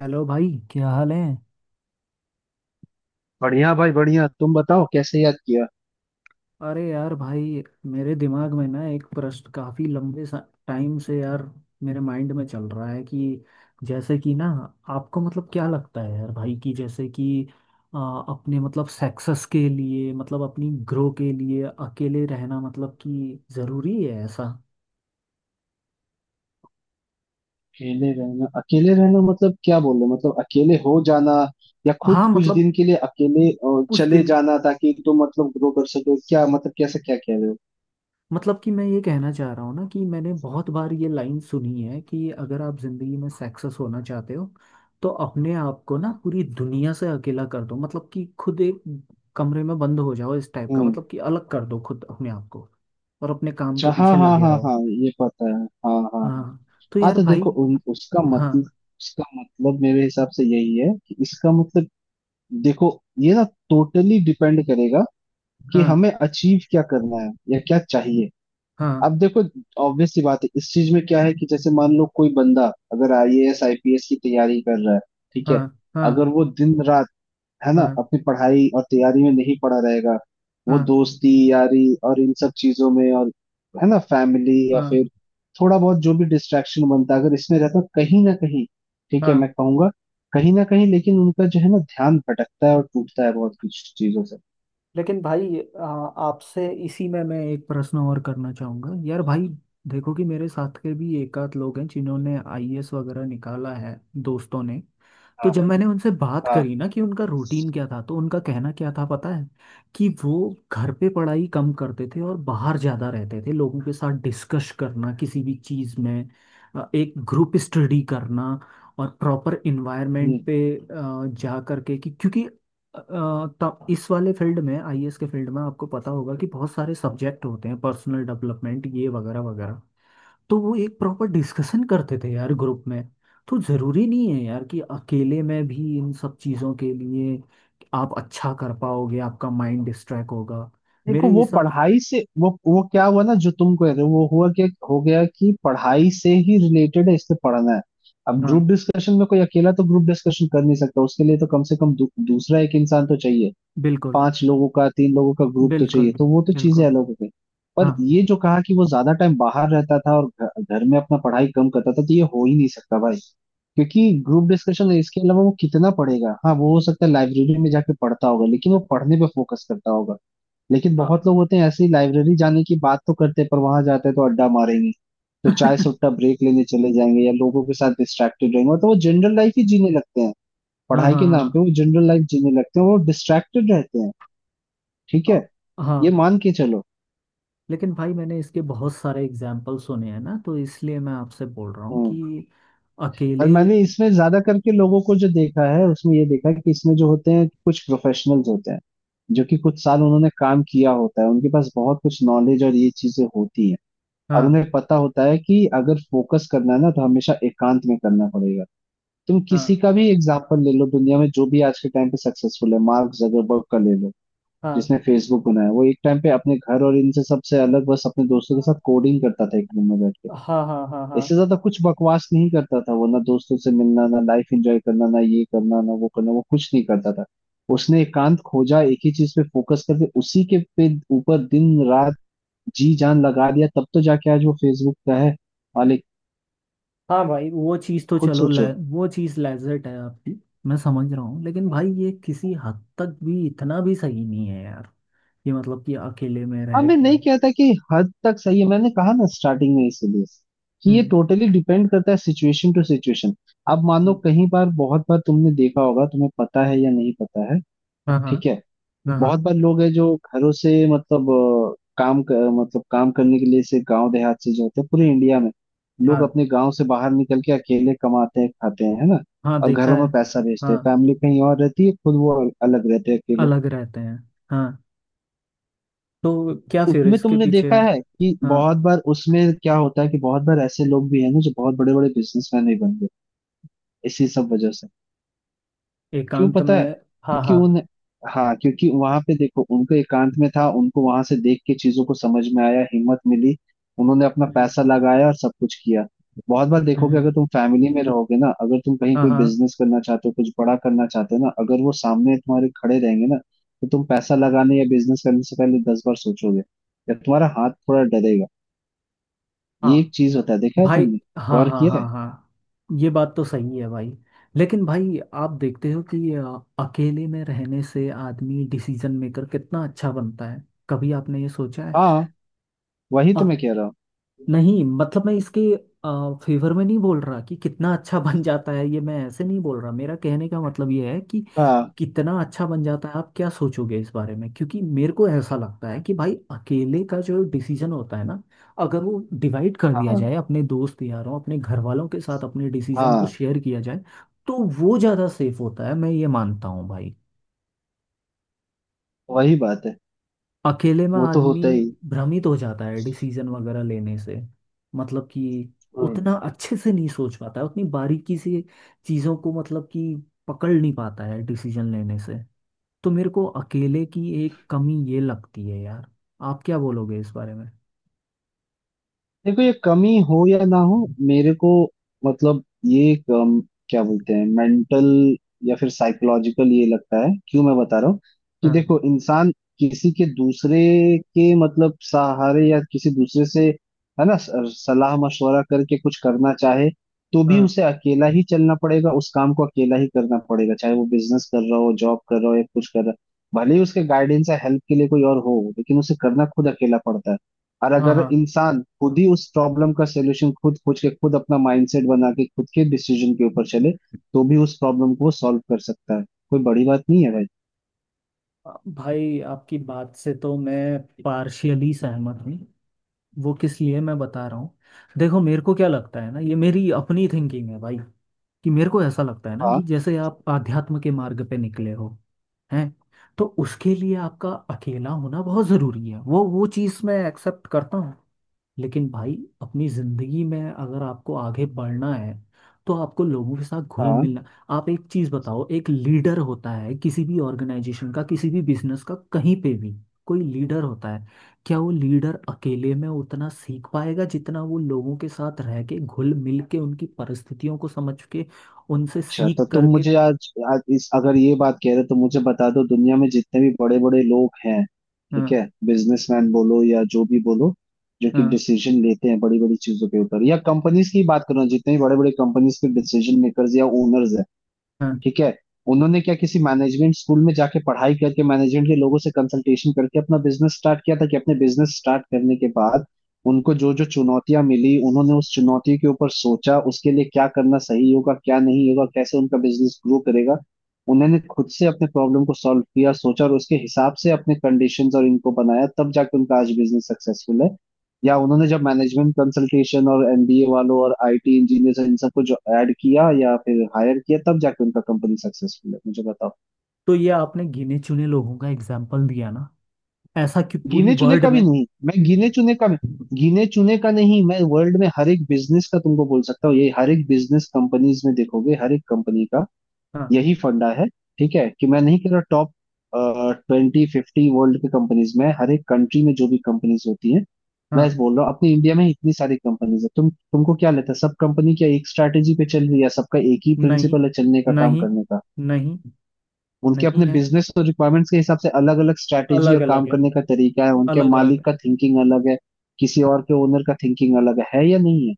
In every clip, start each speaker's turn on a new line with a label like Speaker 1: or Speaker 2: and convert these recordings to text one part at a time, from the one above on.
Speaker 1: Hello भाई, क्या हाल है।
Speaker 2: बढ़िया भाई बढ़िया। तुम बताओ कैसे याद किया।
Speaker 1: अरे यार भाई, मेरे दिमाग में ना एक प्रश्न काफी लंबे टाइम से यार, मेरे माइंड में चल रहा है कि जैसे कि ना, आपको मतलब क्या लगता है यार भाई कि जैसे कि आ, अपने मतलब सक्सेस के लिए मतलब अपनी ग्रो के लिए अकेले रहना मतलब कि जरूरी है ऐसा।
Speaker 2: अकेले रहना मतलब क्या बोल रहे हो? मतलब अकेले हो जाना या खुद
Speaker 1: हाँ
Speaker 2: कुछ
Speaker 1: मतलब
Speaker 2: दिन के लिए अकेले
Speaker 1: कुछ
Speaker 2: चले
Speaker 1: दिन,
Speaker 2: जाना ताकि तुम मतलब ग्रो कर सको, क्या मतलब, कैसे क्या कह रहे हो?
Speaker 1: मतलब कि मैं ये कहना चाह रहा हूँ ना कि मैंने बहुत बार ये लाइन सुनी है कि अगर आप जिंदगी में सक्सेस होना चाहते हो तो अपने आप को ना पूरी दुनिया से अकेला कर दो, मतलब कि खुद एक कमरे में बंद हो जाओ इस टाइप का,
Speaker 2: हम्म।
Speaker 1: मतलब कि अलग कर दो खुद अपने आप को, और अपने काम के
Speaker 2: अच्छा हाँ
Speaker 1: पीछे
Speaker 2: हाँ
Speaker 1: लगे
Speaker 2: हाँ
Speaker 1: रहो।
Speaker 2: हाँ, ये पता है, हाँ हाँ हाँ।
Speaker 1: हाँ, तो
Speaker 2: हाँ
Speaker 1: यार
Speaker 2: तो
Speaker 1: भाई,
Speaker 2: देखो उसका
Speaker 1: हाँ
Speaker 2: मतलब, उसका मतलब मेरे हिसाब से यही है कि इसका मतलब, देखो, ये ना टोटली डिपेंड करेगा कि
Speaker 1: हाँ
Speaker 2: हमें अचीव क्या करना है या क्या चाहिए।
Speaker 1: हाँ
Speaker 2: अब देखो, ऑब्वियस सी बात है, इस चीज में क्या है कि जैसे मान लो कोई बंदा अगर आईएएस आईपीएस की तैयारी कर रहा है, ठीक है,
Speaker 1: हाँ हाँ
Speaker 2: अगर वो दिन रात, है ना,
Speaker 1: हाँ
Speaker 2: अपनी पढ़ाई और तैयारी में नहीं पड़ा रहेगा, वो
Speaker 1: हाँ
Speaker 2: दोस्ती यारी और इन सब चीजों में, और है ना फैमिली या
Speaker 1: हाँ
Speaker 2: फिर थोड़ा बहुत जो भी डिस्ट्रैक्शन बनता है अगर इसमें रहता कहीं ना कहीं, ठीक है मैं
Speaker 1: हाँ।
Speaker 2: कहूंगा, कहीं ना कहीं, लेकिन उनका जो है ना ध्यान भटकता है और टूटता है बहुत कुछ चीजों से।
Speaker 1: लेकिन भाई आपसे इसी में मैं एक प्रश्न और करना चाहूँगा यार भाई। देखो कि मेरे साथ के भी एक आध लोग हैं जिन्होंने आईएएस वगैरह निकाला है, दोस्तों ने। तो
Speaker 2: हाँ
Speaker 1: जब मैंने उनसे बात
Speaker 2: हाँ।
Speaker 1: करी ना कि उनका रूटीन क्या था तो उनका कहना क्या था पता है कि वो घर पे पढ़ाई कम करते थे और बाहर ज़्यादा रहते थे, लोगों के साथ डिस्कस करना किसी भी चीज़ में, एक ग्रुप स्टडी करना और प्रॉपर इन्वायरमेंट पे जा करके कि क्योंकि तब इस वाले फील्ड में आईएएस के फील्ड में आपको पता होगा कि बहुत सारे सब्जेक्ट होते हैं, पर्सनल डेवलपमेंट ये वगैरह वगैरह। तो वो एक प्रॉपर डिस्कशन करते थे यार ग्रुप में। तो जरूरी नहीं है यार कि अकेले में भी इन सब चीजों के लिए आप अच्छा कर पाओगे, आपका माइंड डिस्ट्रैक्ट होगा।
Speaker 2: देखो
Speaker 1: मेरे
Speaker 2: वो
Speaker 1: हिसाब।
Speaker 2: पढ़ाई से वो क्या हुआ ना, जो तुम कह रहे हो वो हुआ, क्या हो गया कि पढ़ाई से ही रिलेटेड है, इससे पढ़ना है। अब
Speaker 1: हाँ
Speaker 2: ग्रुप डिस्कशन में कोई अकेला तो ग्रुप डिस्कशन कर नहीं सकता, उसके लिए तो कम से कम दूसरा एक इंसान तो चाहिए,
Speaker 1: बिल्कुल
Speaker 2: पांच लोगों का, तीन लोगों का ग्रुप तो चाहिए,
Speaker 1: बिल्कुल
Speaker 2: तो वो तो चीजें
Speaker 1: बिल्कुल।
Speaker 2: अलग हो गई। पर
Speaker 1: हाँ
Speaker 2: ये जो कहा कि वो ज्यादा टाइम बाहर रहता था और घर में अपना पढ़ाई कम करता था, तो ये हो ही नहीं सकता भाई, क्योंकि ग्रुप डिस्कशन है, इसके अलावा वो कितना पढ़ेगा। हाँ वो हो सकता है लाइब्रेरी में जाके पढ़ता होगा, लेकिन वो पढ़ने पे फोकस करता होगा। लेकिन
Speaker 1: हाँ।
Speaker 2: बहुत लोग होते हैं ऐसे ही, लाइब्रेरी जाने की बात तो करते हैं, पर वहां जाते हैं तो अड्डा मारेंगे, तो चाय सुट्टा ब्रेक लेने चले जाएंगे या लोगों के साथ डिस्ट्रैक्टेड रहेंगे, तो वो जनरल लाइफ ही जीने लगते हैं।
Speaker 1: हाँ
Speaker 2: पढ़ाई
Speaker 1: हाँ
Speaker 2: के नाम पे
Speaker 1: हाँ।
Speaker 2: वो जनरल लाइफ जीने लगते हैं, वो डिस्ट्रैक्टेड रहते हैं, ठीक है, ये
Speaker 1: हाँ।
Speaker 2: मान के चलो।
Speaker 1: लेकिन भाई मैंने इसके बहुत सारे एग्जाम्पल सुने हैं ना तो इसलिए मैं आपसे बोल रहा हूँ
Speaker 2: हम्म।
Speaker 1: कि
Speaker 2: और
Speaker 1: अकेले।
Speaker 2: मैंने इसमें ज्यादा करके लोगों को जो देखा है उसमें ये देखा है कि इसमें जो होते हैं कुछ प्रोफेशनल्स होते हैं, जो कि कुछ साल उन्होंने काम किया होता है, उनके पास बहुत कुछ नॉलेज और ये चीजें होती हैं, और
Speaker 1: हाँ
Speaker 2: उन्हें पता होता है कि अगर फोकस करना है ना तो हमेशा एकांत में करना पड़ेगा। तुम किसी
Speaker 1: हाँ
Speaker 2: का भी एग्जाम्पल ले लो दुनिया में जो भी आज के टाइम पे सक्सेसफुल है, मार्क जगरबर्ग का ले लो,
Speaker 1: हाँ
Speaker 2: जिसने फेसबुक बनाया, वो एक टाइम पे अपने घर और इनसे सबसे अलग बस अपने दोस्तों के साथ कोडिंग करता था एक रूम में बैठ के।
Speaker 1: हाँ हाँ हाँ हाँ
Speaker 2: इससे ज्यादा कुछ बकवास नहीं करता था वो, ना दोस्तों से मिलना, ना लाइफ एंजॉय करना, ना ये करना ना वो करना, वो कुछ नहीं करता था। उसने एकांत खोजा, एक ही चीज पे फोकस करके उसी के पे ऊपर दिन रात जी जान लगा दिया, तब तो जाके आज वो फेसबुक का है मालिक।
Speaker 1: हाँ भाई, वो चीज़ तो
Speaker 2: खुद
Speaker 1: चलो
Speaker 2: सोचो।
Speaker 1: वो चीज़ लेजर्ट है आपकी। मैं समझ रहा हूँ लेकिन भाई ये किसी हद तक भी इतना भी सही नहीं है यार, ये मतलब कि अकेले में
Speaker 2: हाँ
Speaker 1: रह
Speaker 2: मैं
Speaker 1: के।
Speaker 2: नहीं कहता कि हद तक सही है, मैंने कहा ना स्टार्टिंग में इसीलिए, कि ये
Speaker 1: हम्म
Speaker 2: टोटली डिपेंड करता है सिचुएशन टू सिचुएशन। अब मान लो,
Speaker 1: हम्म,
Speaker 2: कहीं बार बहुत बार तुमने देखा होगा, तुम्हें पता है या नहीं पता है,
Speaker 1: हाँ हाँ
Speaker 2: ठीक है।
Speaker 1: हाँ हाँ
Speaker 2: बहुत बार लोग हैं जो घरों से मतलब मतलब काम करने के लिए से गांव देहात से जो होते हैं पूरे इंडिया में, लोग
Speaker 1: हाँ
Speaker 2: अपने गांव से बाहर निकल के अकेले कमाते हैं खाते हैं, है ना,
Speaker 1: हाँ
Speaker 2: और
Speaker 1: देखा
Speaker 2: घरों
Speaker 1: है।
Speaker 2: में पैसा भेजते हैं,
Speaker 1: हाँ
Speaker 2: फैमिली कहीं और रहती है, खुद वो अलग रहते हैं अकेले।
Speaker 1: अलग रहते हैं। हाँ, तो क्या फिर
Speaker 2: उसमें
Speaker 1: इसके
Speaker 2: तुमने
Speaker 1: पीछे
Speaker 2: देखा है कि
Speaker 1: हाँ
Speaker 2: बहुत बार उसमें क्या होता है कि बहुत बार ऐसे लोग भी हैं ना जो बहुत बड़े बड़े बिजनेसमैन भी बन गए इसी सब वजह से। क्यों
Speaker 1: एकांत
Speaker 2: पता
Speaker 1: में
Speaker 2: है?
Speaker 1: हाँ
Speaker 2: क्योंकि
Speaker 1: हाँ।
Speaker 2: उन हाँ, क्योंकि वहां पे देखो उनको एकांत में था, उनको वहां से देख के चीजों को समझ में आया, हिम्मत मिली, उन्होंने अपना
Speaker 1: हम्म
Speaker 2: पैसा लगाया और सब कुछ किया। बहुत बार देखोगे,
Speaker 1: हम्म,
Speaker 2: अगर तुम फैमिली में रहोगे ना, अगर तुम कहीं
Speaker 1: हाँ
Speaker 2: कोई
Speaker 1: हाँ
Speaker 2: बिजनेस करना चाहते हो कुछ बड़ा करना चाहते हो ना, अगर वो सामने तुम्हारे खड़े रहेंगे ना, तो तुम पैसा लगाने या बिजनेस करने से पहले दस बार सोचोगे, या तुम्हारा हाथ थोड़ा डरेगा। ये एक
Speaker 1: हाँ
Speaker 2: चीज होता है, देखा है
Speaker 1: भाई,
Speaker 2: तुमने,
Speaker 1: हाँ
Speaker 2: गौर
Speaker 1: हाँ
Speaker 2: किया है।
Speaker 1: हाँ हाँ ये बात तो सही है भाई। लेकिन भाई आप देखते हो कि अकेले में रहने से आदमी डिसीजन मेकर कितना अच्छा बनता है, कभी आपने ये सोचा
Speaker 2: हाँ वही
Speaker 1: है।
Speaker 2: तो मैं कह रहा हूँ।
Speaker 1: नहीं मतलब मैं इसके फेवर में नहीं बोल रहा कि कितना अच्छा बन जाता है, ये मैं ऐसे नहीं बोल रहा, मेरा कहने का मतलब ये है कि
Speaker 2: हाँ
Speaker 1: कितना अच्छा बन जाता है, आप क्या सोचोगे इस बारे में, क्योंकि मेरे को ऐसा लगता है कि भाई अकेले का जो डिसीजन होता है ना, अगर वो डिवाइड कर दिया
Speaker 2: हाँ
Speaker 1: जाए अपने दोस्त यारों अपने घर वालों के साथ अपने डिसीजन को
Speaker 2: हाँ।
Speaker 1: शेयर किया जाए तो वो ज़्यादा सेफ होता है, मैं ये मानता हूँ भाई।
Speaker 2: वही बात है,
Speaker 1: अकेले में
Speaker 2: वो तो
Speaker 1: आदमी
Speaker 2: होता ही।
Speaker 1: भ्रमित हो जाता है डिसीजन वगैरह लेने से, मतलब कि
Speaker 2: हम्म।
Speaker 1: उतना अच्छे से नहीं सोच पाता है उतनी बारीकी से चीज़ों को, मतलब कि पकड़ नहीं पाता है डिसीजन लेने से। तो मेरे को अकेले की एक कमी ये लगती है यार, आप क्या बोलोगे इस बारे में।
Speaker 2: देखो ये कमी हो या ना हो, मेरे को मतलब ये एक, क्या बोलते हैं, मेंटल या फिर साइकोलॉजिकल ये लगता है, क्यों मैं बता रहा हूँ कि
Speaker 1: हाँ
Speaker 2: देखो इंसान किसी के दूसरे के मतलब सहारे या किसी दूसरे से, है ना, सलाह मशवरा करके कुछ करना चाहे, तो भी
Speaker 1: हाँ
Speaker 2: उसे अकेला ही चलना पड़ेगा, उस काम को अकेला ही करना पड़ेगा, चाहे वो बिजनेस कर रहा हो जॉब कर रहा हो या कुछ कर रहा हो, भले ही उसके गाइडेंस या हेल्प के लिए कोई और हो, लेकिन उसे करना खुद अकेला पड़ता है। और
Speaker 1: हाँ
Speaker 2: अगर
Speaker 1: हाँ
Speaker 2: इंसान खुद ही उस प्रॉब्लम का सोल्यूशन खुद खोज के, खुद अपना माइंडसेट बना के, खुद के डिसीजन के ऊपर चले, तो भी उस प्रॉब्लम को सॉल्व कर सकता है, कोई बड़ी बात नहीं है भाई।
Speaker 1: भाई, आपकी बात से तो मैं पार्शियली सहमत हूँ। वो किस लिए मैं बता रहा हूँ। देखो मेरे को क्या लगता है ना, ये मेरी अपनी थिंकिंग है भाई, कि मेरे को ऐसा लगता है ना कि
Speaker 2: हाँ
Speaker 1: जैसे आप आध्यात्म के मार्ग पे निकले हो, हैं, तो उसके लिए आपका अकेला होना बहुत ज़रूरी है, वो चीज़ मैं एक्सेप्ट करता हूँ। लेकिन भाई अपनी जिंदगी में अगर आपको आगे बढ़ना है तो आपको लोगों के साथ घुल
Speaker 2: हाँ।
Speaker 1: मिलना। आप एक चीज बताओ, एक लीडर होता है किसी भी ऑर्गेनाइजेशन का किसी भी बिजनेस का कहीं पे भी, कोई लीडर होता है, क्या वो लीडर अकेले में उतना सीख पाएगा जितना वो लोगों के साथ रह के घुल मिल के उनकी परिस्थितियों को समझ के उनसे
Speaker 2: अच्छा तो
Speaker 1: सीख
Speaker 2: तुम
Speaker 1: करके।
Speaker 2: मुझे आज इस अगर ये बात कह रहे हो तो मुझे बता दो, दुनिया में जितने भी बड़े बड़े लोग हैं, ठीक
Speaker 1: हाँ
Speaker 2: है, बिजनेसमैन बोलो या जो भी बोलो, जो कि
Speaker 1: हाँ
Speaker 2: डिसीजन लेते हैं बड़ी बड़ी चीजों के ऊपर, या कंपनीज की बात करो, जितने भी बड़े बड़े कंपनीज के डिसीजन मेकर्स या ओनर्स,
Speaker 1: हाँ।
Speaker 2: ठीक है, उन्होंने क्या किसी मैनेजमेंट स्कूल में जाके पढ़ाई करके मैनेजमेंट के लोगों से कंसल्टेशन करके अपना बिजनेस स्टार्ट किया था, कि अपने बिजनेस स्टार्ट करने के बाद उनको जो जो चुनौतियां मिली उन्होंने उस चुनौती के ऊपर सोचा, उसके लिए क्या करना सही होगा क्या नहीं होगा, कैसे उनका बिजनेस ग्रो करेगा, उन्होंने खुद से अपने प्रॉब्लम को सॉल्व किया सोचा और उसके हिसाब से अपने कंडीशंस और इनको बनाया, तब जाके उनका आज बिजनेस सक्सेसफुल है? या उन्होंने जब मैनेजमेंट कंसल्टेशन और एमबीए वालों और आईटी इंजीनियर इन सबको जो ऐड किया या फिर हायर किया तब जाके उनका कंपनी सक्सेसफुल है? मुझे बताओ।
Speaker 1: तो ये आपने गिने चुने लोगों का एग्जाम्पल दिया ना, ऐसा कि पूरी
Speaker 2: गिने चुने
Speaker 1: वर्ल्ड
Speaker 2: का भी
Speaker 1: में
Speaker 2: नहीं, मैं गिने चुने का नहीं, मैं वर्ल्ड में हर एक बिजनेस का तुमको बोल सकता हूँ, ये हर एक बिजनेस कंपनीज में देखोगे, हर एक कंपनी का
Speaker 1: हाँ
Speaker 2: यही फंडा है। ठीक है, कि मैं नहीं कह रहा टॉप ट्वेंटी फिफ्टी वर्ल्ड की कंपनीज में, हर एक कंट्री में जो भी कंपनीज होती हैं, मैं ऐसे
Speaker 1: हाँ।
Speaker 2: बोल रहा हूँ, अपने इंडिया में ही इतनी सारी कंपनीज है, तुमको क्या लगता है सब कंपनी क्या एक स्ट्रैटेजी पे चल रही है, सबका एक ही
Speaker 1: नहीं
Speaker 2: प्रिंसिपल है चलने का, काम
Speaker 1: नहीं
Speaker 2: करने का?
Speaker 1: नहीं।
Speaker 2: उनके
Speaker 1: नहीं
Speaker 2: अपने
Speaker 1: है।
Speaker 2: बिजनेस और रिक्वायरमेंट्स के हिसाब से अलग अलग स्ट्रैटेजी
Speaker 1: अलग
Speaker 2: और काम
Speaker 1: अलग है।
Speaker 2: करने का तरीका है, उनके
Speaker 1: अलग अलग है।
Speaker 2: मालिक का थिंकिंग अलग है, किसी
Speaker 1: हाँ,
Speaker 2: और के ओनर का थिंकिंग अलग है या नहीं है?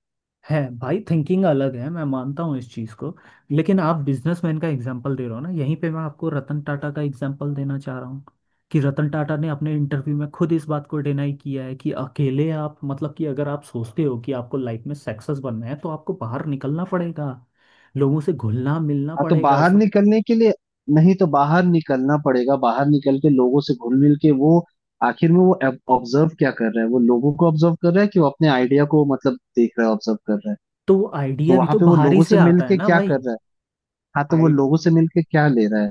Speaker 1: है भाई थिंकिंग अलग है, मैं मानता हूँ इस चीज़ को। लेकिन आप बिजनेसमैन का एग्जांपल दे रहे हो ना, यहीं पे मैं आपको रतन टाटा का एग्जांपल देना चाह रहा हूँ कि रतन टाटा ने अपने इंटरव्यू में खुद इस बात को डिनाई किया है कि अकेले आप मतलब कि अगर आप सोचते हो कि आपको लाइफ में सक्सेस बनना है तो आपको बाहर निकलना पड़ेगा, लोगों से घुलना मिलना
Speaker 2: हाँ तो
Speaker 1: पड़ेगा
Speaker 2: बाहर
Speaker 1: सब।
Speaker 2: निकलने के लिए, नहीं तो बाहर निकलना पड़ेगा, बाहर निकल के लोगों से घुल मिल के वो, आखिर में वो ऑब्जर्व क्या कर रहा है, वो लोगों को ऑब्जर्व कर रहा है कि वो अपने आइडिया को, मतलब देख रहा है, ऑब्जर्व कर रहा है।
Speaker 1: तो वो
Speaker 2: तो
Speaker 1: आइडिया भी
Speaker 2: वहां
Speaker 1: तो
Speaker 2: पे वो
Speaker 1: बाहर ही
Speaker 2: लोगों
Speaker 1: से
Speaker 2: से मिल
Speaker 1: आता है
Speaker 2: के
Speaker 1: ना
Speaker 2: क्या
Speaker 1: भाई।
Speaker 2: कर रहा है? हाँ तो वो
Speaker 1: आइडिया।
Speaker 2: लोगों से मिल के क्या ले रहा है?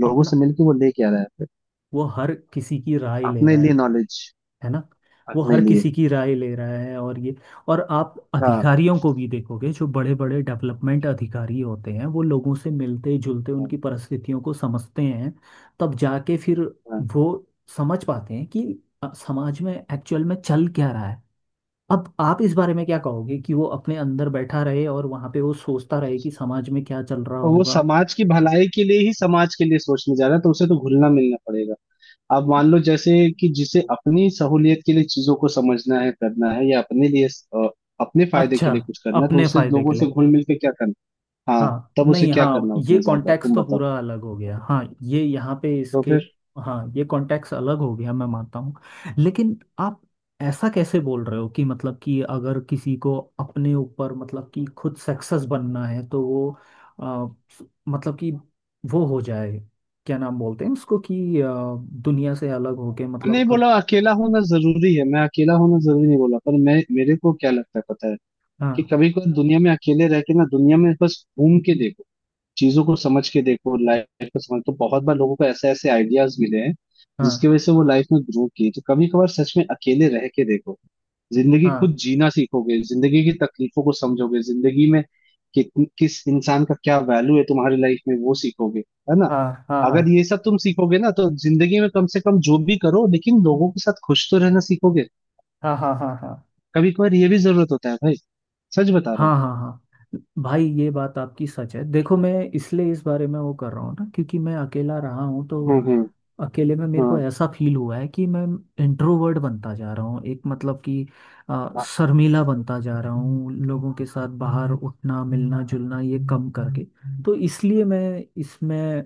Speaker 2: लोगों से
Speaker 1: अपना,
Speaker 2: मिल के वो ले क्या रहा है?
Speaker 1: वो हर किसी की राय ले
Speaker 2: अपने
Speaker 1: रहा
Speaker 2: लिए
Speaker 1: है
Speaker 2: नॉलेज,
Speaker 1: है ना। वो
Speaker 2: अपने
Speaker 1: हर
Speaker 2: लिए।
Speaker 1: किसी की राय ले रहा है। और ये, और आप
Speaker 2: हाँ
Speaker 1: अधिकारियों को भी देखोगे जो बड़े बड़े डेवलपमेंट अधिकारी होते हैं वो लोगों से मिलते जुलते
Speaker 2: हाँ
Speaker 1: उनकी परिस्थितियों को समझते हैं, तब जाके फिर
Speaker 2: हाँ।
Speaker 1: वो समझ पाते हैं कि समाज में एक्चुअल में चल क्या रहा है। अब आप इस बारे में क्या कहोगे कि वो अपने अंदर बैठा रहे और वहां पे वो सोचता रहे कि समाज में क्या चल रहा
Speaker 2: तो वो
Speaker 1: होगा।
Speaker 2: समाज की भलाई के लिए ही समाज के लिए सोचने जा रहा है, तो उसे तो घुलना मिलना पड़ेगा। अब मान लो जैसे कि जिसे अपनी सहूलियत के लिए चीजों को समझना है करना है, या अपने लिए अपने फायदे के
Speaker 1: अच्छा,
Speaker 2: लिए कुछ करना है, तो
Speaker 1: अपने
Speaker 2: उसे
Speaker 1: फायदे
Speaker 2: लोगों
Speaker 1: के
Speaker 2: से
Speaker 1: लिए।
Speaker 2: घुल मिल के क्या करना? हाँ
Speaker 1: हाँ
Speaker 2: तब उसे
Speaker 1: नहीं
Speaker 2: क्या
Speaker 1: हाँ,
Speaker 2: करना
Speaker 1: ये
Speaker 2: उतना ज्यादा,
Speaker 1: कॉन्टेक्स्ट
Speaker 2: तुम
Speaker 1: तो
Speaker 2: बताओ,
Speaker 1: पूरा अलग हो गया, हाँ ये यहाँ पे
Speaker 2: तो
Speaker 1: इसके
Speaker 2: फिर।
Speaker 1: हाँ, ये कॉन्टेक्स्ट अलग हो गया मैं मानता हूँ। लेकिन आप ऐसा कैसे बोल रहे हो कि मतलब कि अगर किसी को अपने ऊपर मतलब कि खुद सक्सेस बनना है तो वो आ, मतलब कि वो हो जाए, क्या नाम बोलते हैं उसको कि दुनिया से अलग होके मतलब
Speaker 2: नहीं बोला अकेला होना जरूरी है, मैं अकेला होना जरूरी नहीं बोला, पर मैं मेरे को क्या लगता है पता है कि
Speaker 1: हाँ
Speaker 2: कभी कभी दुनिया में अकेले रह के ना दुनिया में बस घूम के देखो, चीजों को समझ के देखो, लाइफ को समझ, तो बहुत बार लोगों को ऐसे ऐसे आइडियाज मिले हैं जिसकी
Speaker 1: हाँ
Speaker 2: वजह से वो लाइफ में ग्रो किए, तो कभी कभार सच में अकेले रह के देखो, जिंदगी खुद
Speaker 1: हाँ
Speaker 2: जीना सीखोगे, जिंदगी की तकलीफों को समझोगे, जिंदगी में किस इंसान का क्या वैल्यू है तुम्हारी लाइफ में वो सीखोगे, है ना।
Speaker 1: हाँ हाँ हाँ
Speaker 2: अगर ये सब तुम सीखोगे ना तो जिंदगी में कम से कम जो भी करो लेकिन लोगों के साथ खुश तो रहना सीखोगे,
Speaker 1: हाँ हाँ हाँ हाँ हाँ
Speaker 2: कभी कभार ये भी जरूरत होता है भाई, सच बता रहा
Speaker 1: हाँ
Speaker 2: हूँ।
Speaker 1: हाँ हाँ भाई ये बात आपकी सच है। देखो मैं इसलिए इस बारे में वो कर रहा हूँ ना क्योंकि मैं अकेला रहा हूँ तो
Speaker 2: हम्म।
Speaker 1: अकेले में मेरे को
Speaker 2: हाँ
Speaker 1: ऐसा फील हुआ है कि मैं इंट्रोवर्ट बनता जा रहा हूँ एक मतलब कि
Speaker 2: हाँ।
Speaker 1: शर्मीला बनता जा रहा हूँ, लोगों के साथ बाहर उठना मिलना जुलना ये कम करके। तो इसलिए मैं इसमें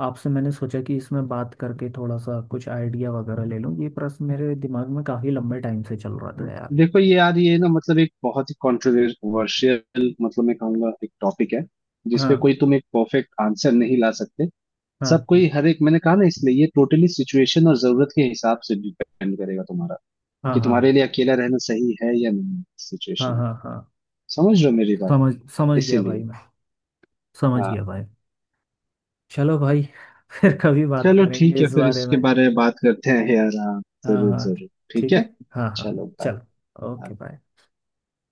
Speaker 1: आपसे मैंने सोचा कि इसमें बात करके थोड़ा सा कुछ आइडिया वगैरह ले लूँ, ये प्रश्न मेरे दिमाग में काफ़ी लंबे टाइम से चल रहा था यार।
Speaker 2: देखो ये यार ये ना मतलब एक बहुत ही कॉन्ट्रोवर्शियल मतलब मैं कहूंगा एक टॉपिक है, जिसपे
Speaker 1: हाँ
Speaker 2: कोई तुम एक परफेक्ट आंसर नहीं ला सकते, सब
Speaker 1: हाँ
Speaker 2: कोई हर एक, मैंने कहा ना इसलिए, ये टोटली सिचुएशन और जरूरत के हिसाब से डिपेंड करेगा तुम्हारा,
Speaker 1: हाँ
Speaker 2: कि
Speaker 1: हाँ
Speaker 2: तुम्हारे लिए अकेला रहना सही है या नहीं
Speaker 1: हाँ
Speaker 2: सिचुएशन।
Speaker 1: हाँ हाँ।
Speaker 2: समझ रहे हो मेरी बात?
Speaker 1: समझ समझ गया भाई
Speaker 2: इसीलिए।
Speaker 1: मैं, समझ गया
Speaker 2: हाँ
Speaker 1: भाई। चलो भाई, फिर कभी बात
Speaker 2: चलो
Speaker 1: करेंगे
Speaker 2: ठीक है,
Speaker 1: इस
Speaker 2: फिर
Speaker 1: बारे
Speaker 2: इसके
Speaker 1: में।
Speaker 2: बारे में बात करते हैं यार, हाँ
Speaker 1: हाँ
Speaker 2: जरूर
Speaker 1: हाँ,
Speaker 2: जरूर, ठीक
Speaker 1: ठीक है,
Speaker 2: है।
Speaker 1: हाँ हाँ।
Speaker 2: चलो बाय।
Speaker 1: चलो ओके बाय।